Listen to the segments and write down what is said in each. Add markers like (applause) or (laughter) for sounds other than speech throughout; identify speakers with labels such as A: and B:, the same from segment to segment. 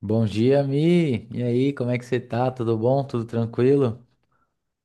A: Bom dia, Mi. E aí, como é que você tá? Tudo bom? Tudo tranquilo?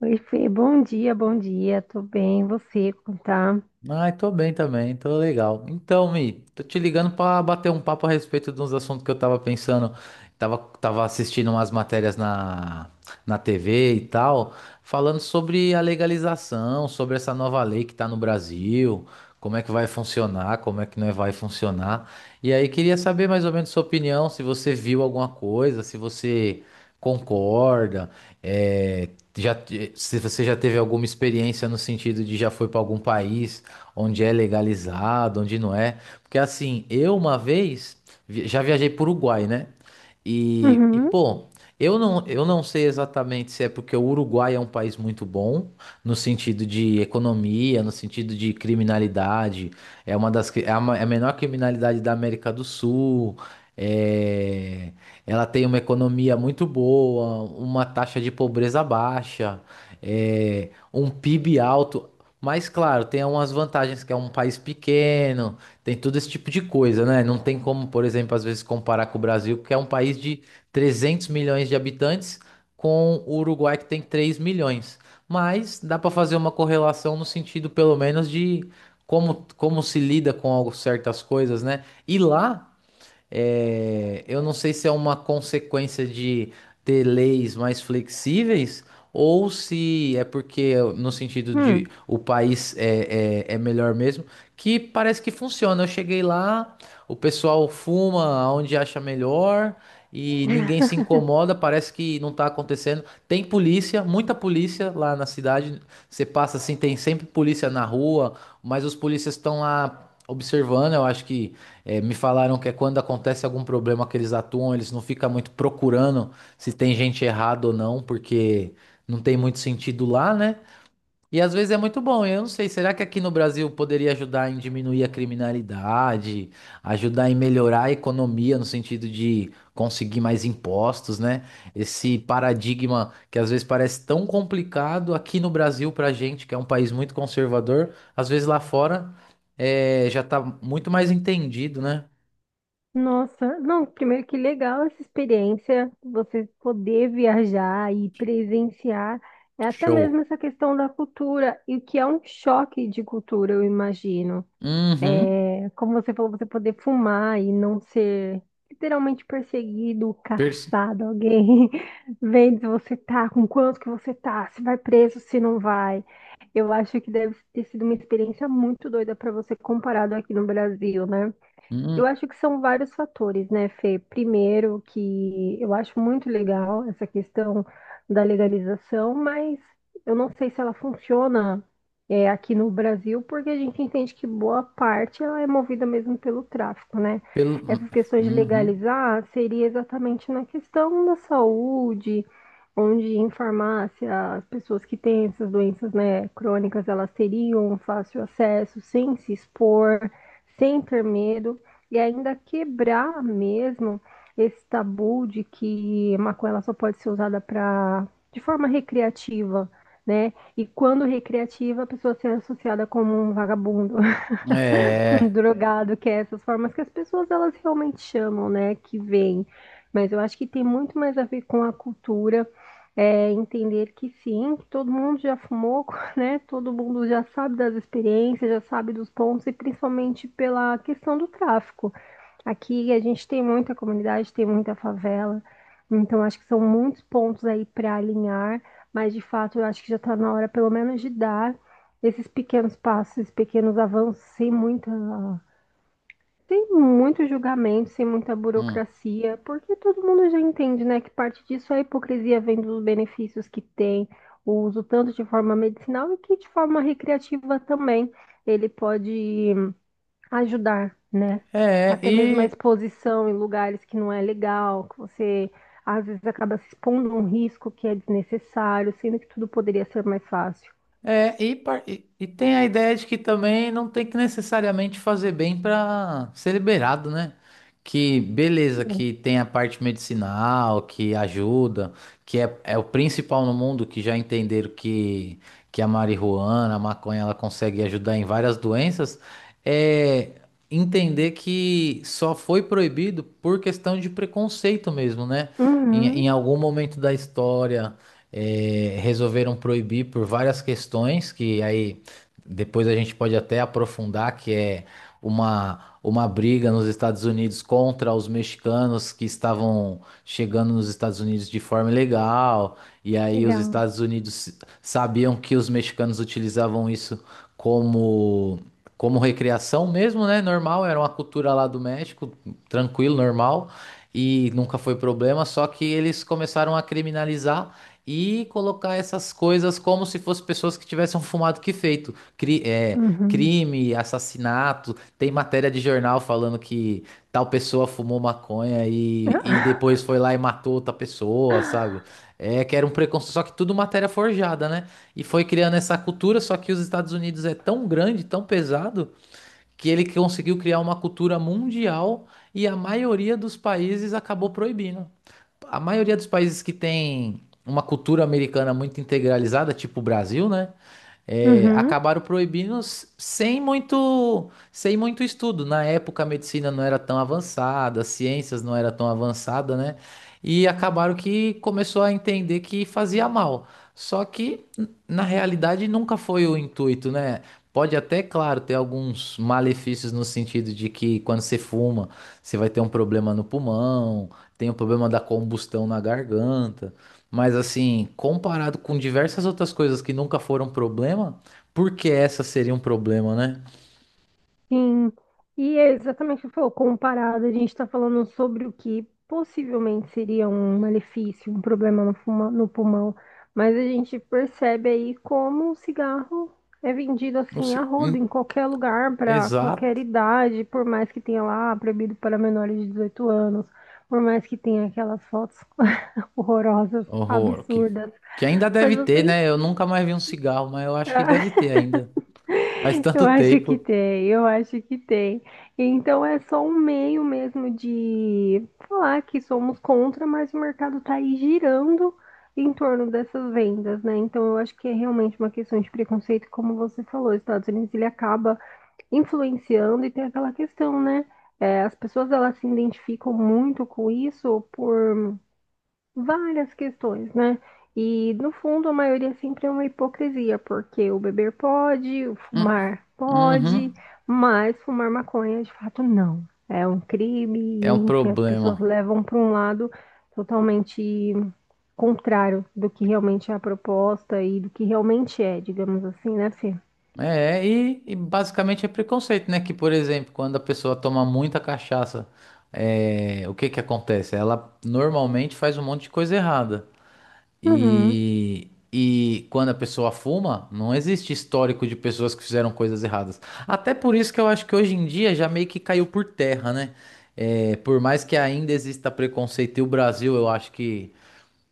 B: Oi, Fê, bom dia, tô bem, você, como tá?
A: Ai, tô bem também, tô legal. Então, Mi, tô te ligando pra bater um papo a respeito de uns assuntos que eu tava pensando. Tava assistindo umas matérias na TV e tal, falando sobre a legalização, sobre essa nova lei que tá no Brasil, como é que vai funcionar, como é que não é, vai funcionar. E aí, queria saber mais ou menos sua opinião, se você viu alguma coisa, se você concorda, é, já, se você já teve alguma experiência no sentido de já foi pra algum país onde é legalizado, onde não é. Porque assim, eu uma vez já viajei para o Uruguai, né? E
B: Uhum,
A: pô, eu não sei exatamente se é porque o Uruguai é um país muito bom, no sentido de economia, no sentido de criminalidade, é uma das, cri- é a, ma- é a menor criminalidade da América do Sul. É, ela tem uma economia muito boa, uma taxa de pobreza baixa, é, um PIB alto. Mas claro, tem algumas vantagens que é um país pequeno, tem todo esse tipo de coisa, né? Não tem como, por exemplo, às vezes comparar com o Brasil, porque é um país de 300 milhões de habitantes, com o Uruguai que tem 3 milhões. Mas dá para fazer uma correlação no sentido, pelo menos, de como se lida com certas coisas, né? E lá é, eu não sei se é uma consequência de ter leis mais flexíveis ou se é porque, no sentido de
B: hum.
A: o país é melhor mesmo, que parece que funciona. Eu cheguei lá, o pessoal fuma onde acha melhor e ninguém se
B: (laughs)
A: incomoda, parece que não tá acontecendo. Tem polícia, muita polícia lá na cidade. Você passa assim, tem sempre polícia na rua, mas os polícias estão lá observando. Eu acho que. É, me falaram que é quando acontece algum problema que eles atuam, eles não ficam muito procurando se tem gente errada ou não, porque não tem muito sentido lá, né? E às vezes é muito bom. Eu não sei, será que aqui no Brasil poderia ajudar em diminuir a criminalidade, ajudar em melhorar a economia no sentido de conseguir mais impostos, né? Esse paradigma que às vezes parece tão complicado aqui no Brasil pra gente, que é um país muito conservador, às vezes lá fora é, já tá muito mais entendido, né?
B: Nossa, não, primeiro que legal essa experiência, você poder viajar e presenciar, é até
A: Show.
B: mesmo essa questão da cultura, e o que é um choque de cultura, eu imagino.
A: Uhum.
B: É, como você falou, você poder fumar e não ser literalmente perseguido,
A: Pers-
B: caçado, alguém (laughs) vendo se você tá, com quanto que você tá, se vai preso, se não vai. Eu acho que deve ter sido uma experiência muito doida para você comparado aqui no Brasil, né? Eu
A: Uhum.
B: acho que são vários fatores, né, Fê? Primeiro, que eu acho muito legal essa questão da legalização, mas eu não sei se ela funciona, é, aqui no Brasil, porque a gente entende que boa parte ela é movida mesmo pelo tráfico, né?
A: pelo... hum,
B: Essas questões de
A: Uhum.
B: legalizar seria exatamente na questão da saúde, onde em farmácia as pessoas que têm essas doenças, né, crônicas, elas teriam fácil acesso, sem se expor, sem ter medo. E ainda quebrar mesmo esse tabu de que maconha ela só pode ser usada para de forma recreativa, né? E quando recreativa, a pessoa ser associada como um vagabundo, (laughs) um
A: É.
B: drogado, que é essas formas que as pessoas elas realmente chamam, né? Que vem. Mas eu acho que tem muito mais a ver com a cultura, é, entender que sim, que todo mundo já fumou, (laughs) né? Todo mundo já sabe das experiências, já sabe dos pontos, e principalmente pela questão do tráfico. Aqui a gente tem muita comunidade, tem muita favela, então acho que são muitos pontos aí para alinhar, mas de fato eu acho que já está na hora, pelo menos, de dar esses pequenos passos, esses pequenos avanços, sem muita, sem muito julgamento, sem muita
A: Hum.
B: burocracia, porque todo mundo já entende, né, que parte disso é a hipocrisia vem dos benefícios que tem, o uso tanto de forma medicinal e que de forma recreativa também. Ele pode ajudar, né?
A: É,
B: Até mesmo a
A: e
B: exposição em lugares que não é legal, que você às vezes acaba se expondo a um risco que é desnecessário, sendo que tudo poderia ser mais fácil.
A: e tem a ideia de que também não tem que necessariamente fazer bem para ser liberado, né? Que beleza, que tem a parte medicinal, que ajuda, que é o principal no mundo, que já entenderam que a marihuana, a maconha, ela consegue ajudar em várias doenças, é entender que só foi proibido por questão de preconceito mesmo, né? Em,
B: Uhum,
A: em algum momento da história resolveram proibir por várias questões, que aí depois a gente pode até aprofundar, que é uma briga nos Estados Unidos contra os mexicanos que estavam chegando nos Estados Unidos de forma ilegal, e aí os
B: legal.
A: Estados Unidos sabiam que os mexicanos utilizavam isso como como recreação mesmo, né? Normal, era uma cultura lá do México, tranquilo, normal, e nunca foi problema, só que eles começaram a criminalizar e colocar essas coisas como se fossem pessoas que tivessem um fumado que feito.
B: Uhum.
A: Crime, assassinato. Tem matéria de jornal falando que tal pessoa fumou maconha e depois foi lá e matou outra pessoa, sabe?
B: (laughs)
A: É que era um preconceito. Só que tudo matéria forjada, né? E foi criando essa cultura. Só que os Estados Unidos é tão grande, tão pesado, que ele conseguiu criar uma cultura mundial e a maioria dos países acabou proibindo. A maioria dos países que tem uma cultura americana muito integralizada, tipo o Brasil, né? É,
B: Uhum.
A: acabaram proibindo sem muito estudo. Na época, a medicina não era tão avançada, as ciências não era tão avançada, né? E acabaram que começou a entender que fazia mal. Só que, na realidade, nunca foi o intuito, né? Pode até, claro, ter alguns malefícios no sentido de que quando você fuma você vai ter um problema no pulmão, tem o problema da combustão na garganta. Mas assim, comparado com diversas outras coisas que nunca foram problema, por que essa seria um problema, né?
B: Sim, e é exatamente o que você falou, comparado, a gente está falando sobre o que possivelmente seria um malefício, um problema no, fuma- no pulmão, mas a gente percebe aí como o cigarro é vendido
A: Não
B: assim a
A: sei.
B: rodo, em qualquer lugar, para qualquer
A: Exato.
B: idade, por mais que tenha lá proibido para menores de 18 anos, por mais que tenha aquelas fotos (laughs) horrorosas,
A: Horror.
B: absurdas,
A: Que ainda
B: mas
A: deve ter,
B: você
A: né? Eu nunca mais vi um cigarro, mas eu acho que deve ter ainda. Faz
B: Eu
A: tanto
B: acho que
A: tempo.
B: tem, eu acho que tem. Então é só um meio mesmo de falar que somos contra, mas o mercado está aí girando em torno dessas vendas, né? Então eu acho que é realmente uma questão de preconceito, como você falou, os Estados Unidos ele acaba influenciando e tem aquela questão, né? É, as pessoas elas se identificam muito com isso por várias questões, né? E no fundo, a maioria sempre é uma hipocrisia, porque o beber pode, o
A: Hum,
B: fumar pode,
A: uhum.
B: mas fumar maconha de fato não. É um crime,
A: É
B: e,
A: um
B: enfim, as pessoas
A: problema.
B: levam para um lado totalmente contrário do que realmente é a proposta e do que realmente é, digamos assim, né, Fê?
A: E basicamente é preconceito, né? Que, por exemplo, quando a pessoa toma muita cachaça, o que que acontece? Ela normalmente faz um monte de coisa errada.
B: Uhum,
A: E quando a pessoa fuma, não existe histórico de pessoas que fizeram coisas erradas. Até por isso que eu acho que hoje em dia já meio que caiu por terra, né? É, por mais que ainda exista preconceito, e o Brasil, eu acho que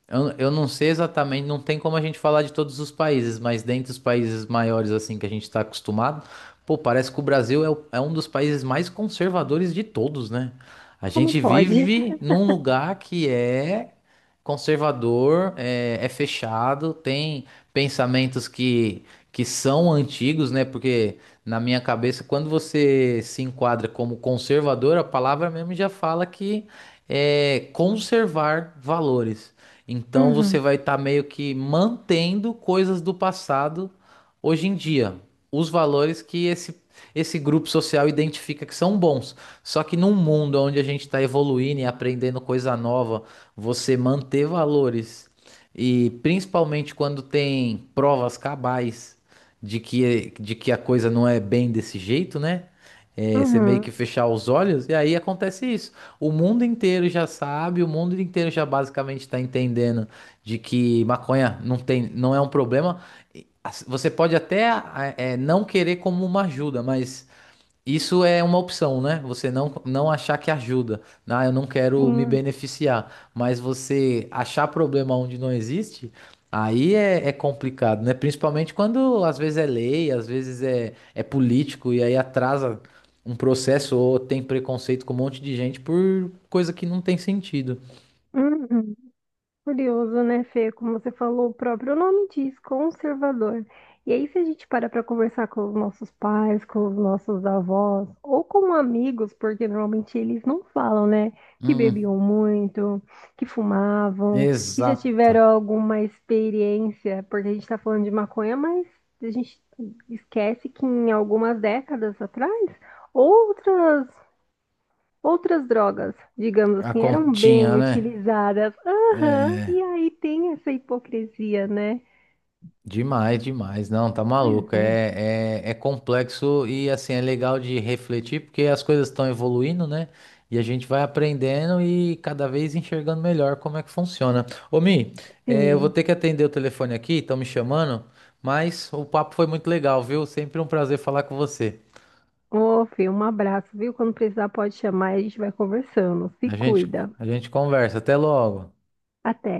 A: eu não sei exatamente, não tem como a gente falar de todos os países, mas dentre os países maiores assim que a gente está acostumado, pô, parece que o Brasil é um dos países mais conservadores de todos, né? A
B: como
A: gente
B: pode?
A: vive num lugar que é conservador, é fechado, tem pensamentos que são antigos, né? Porque na minha cabeça, quando você se enquadra como conservador, a palavra mesmo já fala que é conservar valores. Então você
B: Uhum,
A: vai estar meio que mantendo coisas do passado hoje em dia, os valores que esse grupo social identifica que são bons. Só que num mundo onde a gente está evoluindo e aprendendo coisa nova, você manter valores e principalmente quando tem provas cabais de que a coisa não é bem desse jeito, né? É, você meio que
B: uhum,
A: fechar os olhos e aí acontece isso. O mundo inteiro já sabe, o mundo inteiro já basicamente está entendendo de que maconha não tem, não é um problema. E, assim, você pode até não querer como uma ajuda, mas isso é uma opção, né? Você não achar que ajuda. Ah, eu não quero me
B: sim,
A: beneficiar. Mas você achar problema onde não existe, aí é complicado, né? Principalmente quando às vezes é lei, às vezes é político, e aí atrasa um processo ou tem preconceito com um monte de gente por coisa que não tem sentido.
B: uhum. Curioso, né, Fê? Como você falou, o próprio nome diz, conservador. E aí, se a gente para conversar com os nossos pais, com os nossos avós, ou com amigos, porque normalmente eles não falam, né, que
A: Hum,
B: bebiam muito, que fumavam, que já
A: exata.
B: tiveram alguma experiência, porque a gente está falando de maconha, mas a gente esquece que em algumas décadas atrás, outras Outras drogas, digamos
A: A
B: assim, eram bem
A: continha, né?
B: utilizadas. Aham,
A: É.
B: e aí tem essa hipocrisia, né?
A: Demais, demais. Não, tá
B: Pois
A: maluco.
B: é,
A: É complexo e assim é legal de refletir porque as coisas estão evoluindo, né? E a gente vai aprendendo e cada vez enxergando melhor como é que funciona. Ô, Mi, eu vou
B: sim.
A: ter que atender o telefone aqui, estão me chamando, mas o papo foi muito legal, viu? Sempre um prazer falar com você.
B: Ô, Fê, um abraço, viu? Quando precisar, pode chamar e a gente vai conversando. Se
A: A gente,
B: cuida.
A: a gente conversa. Até logo.
B: Até.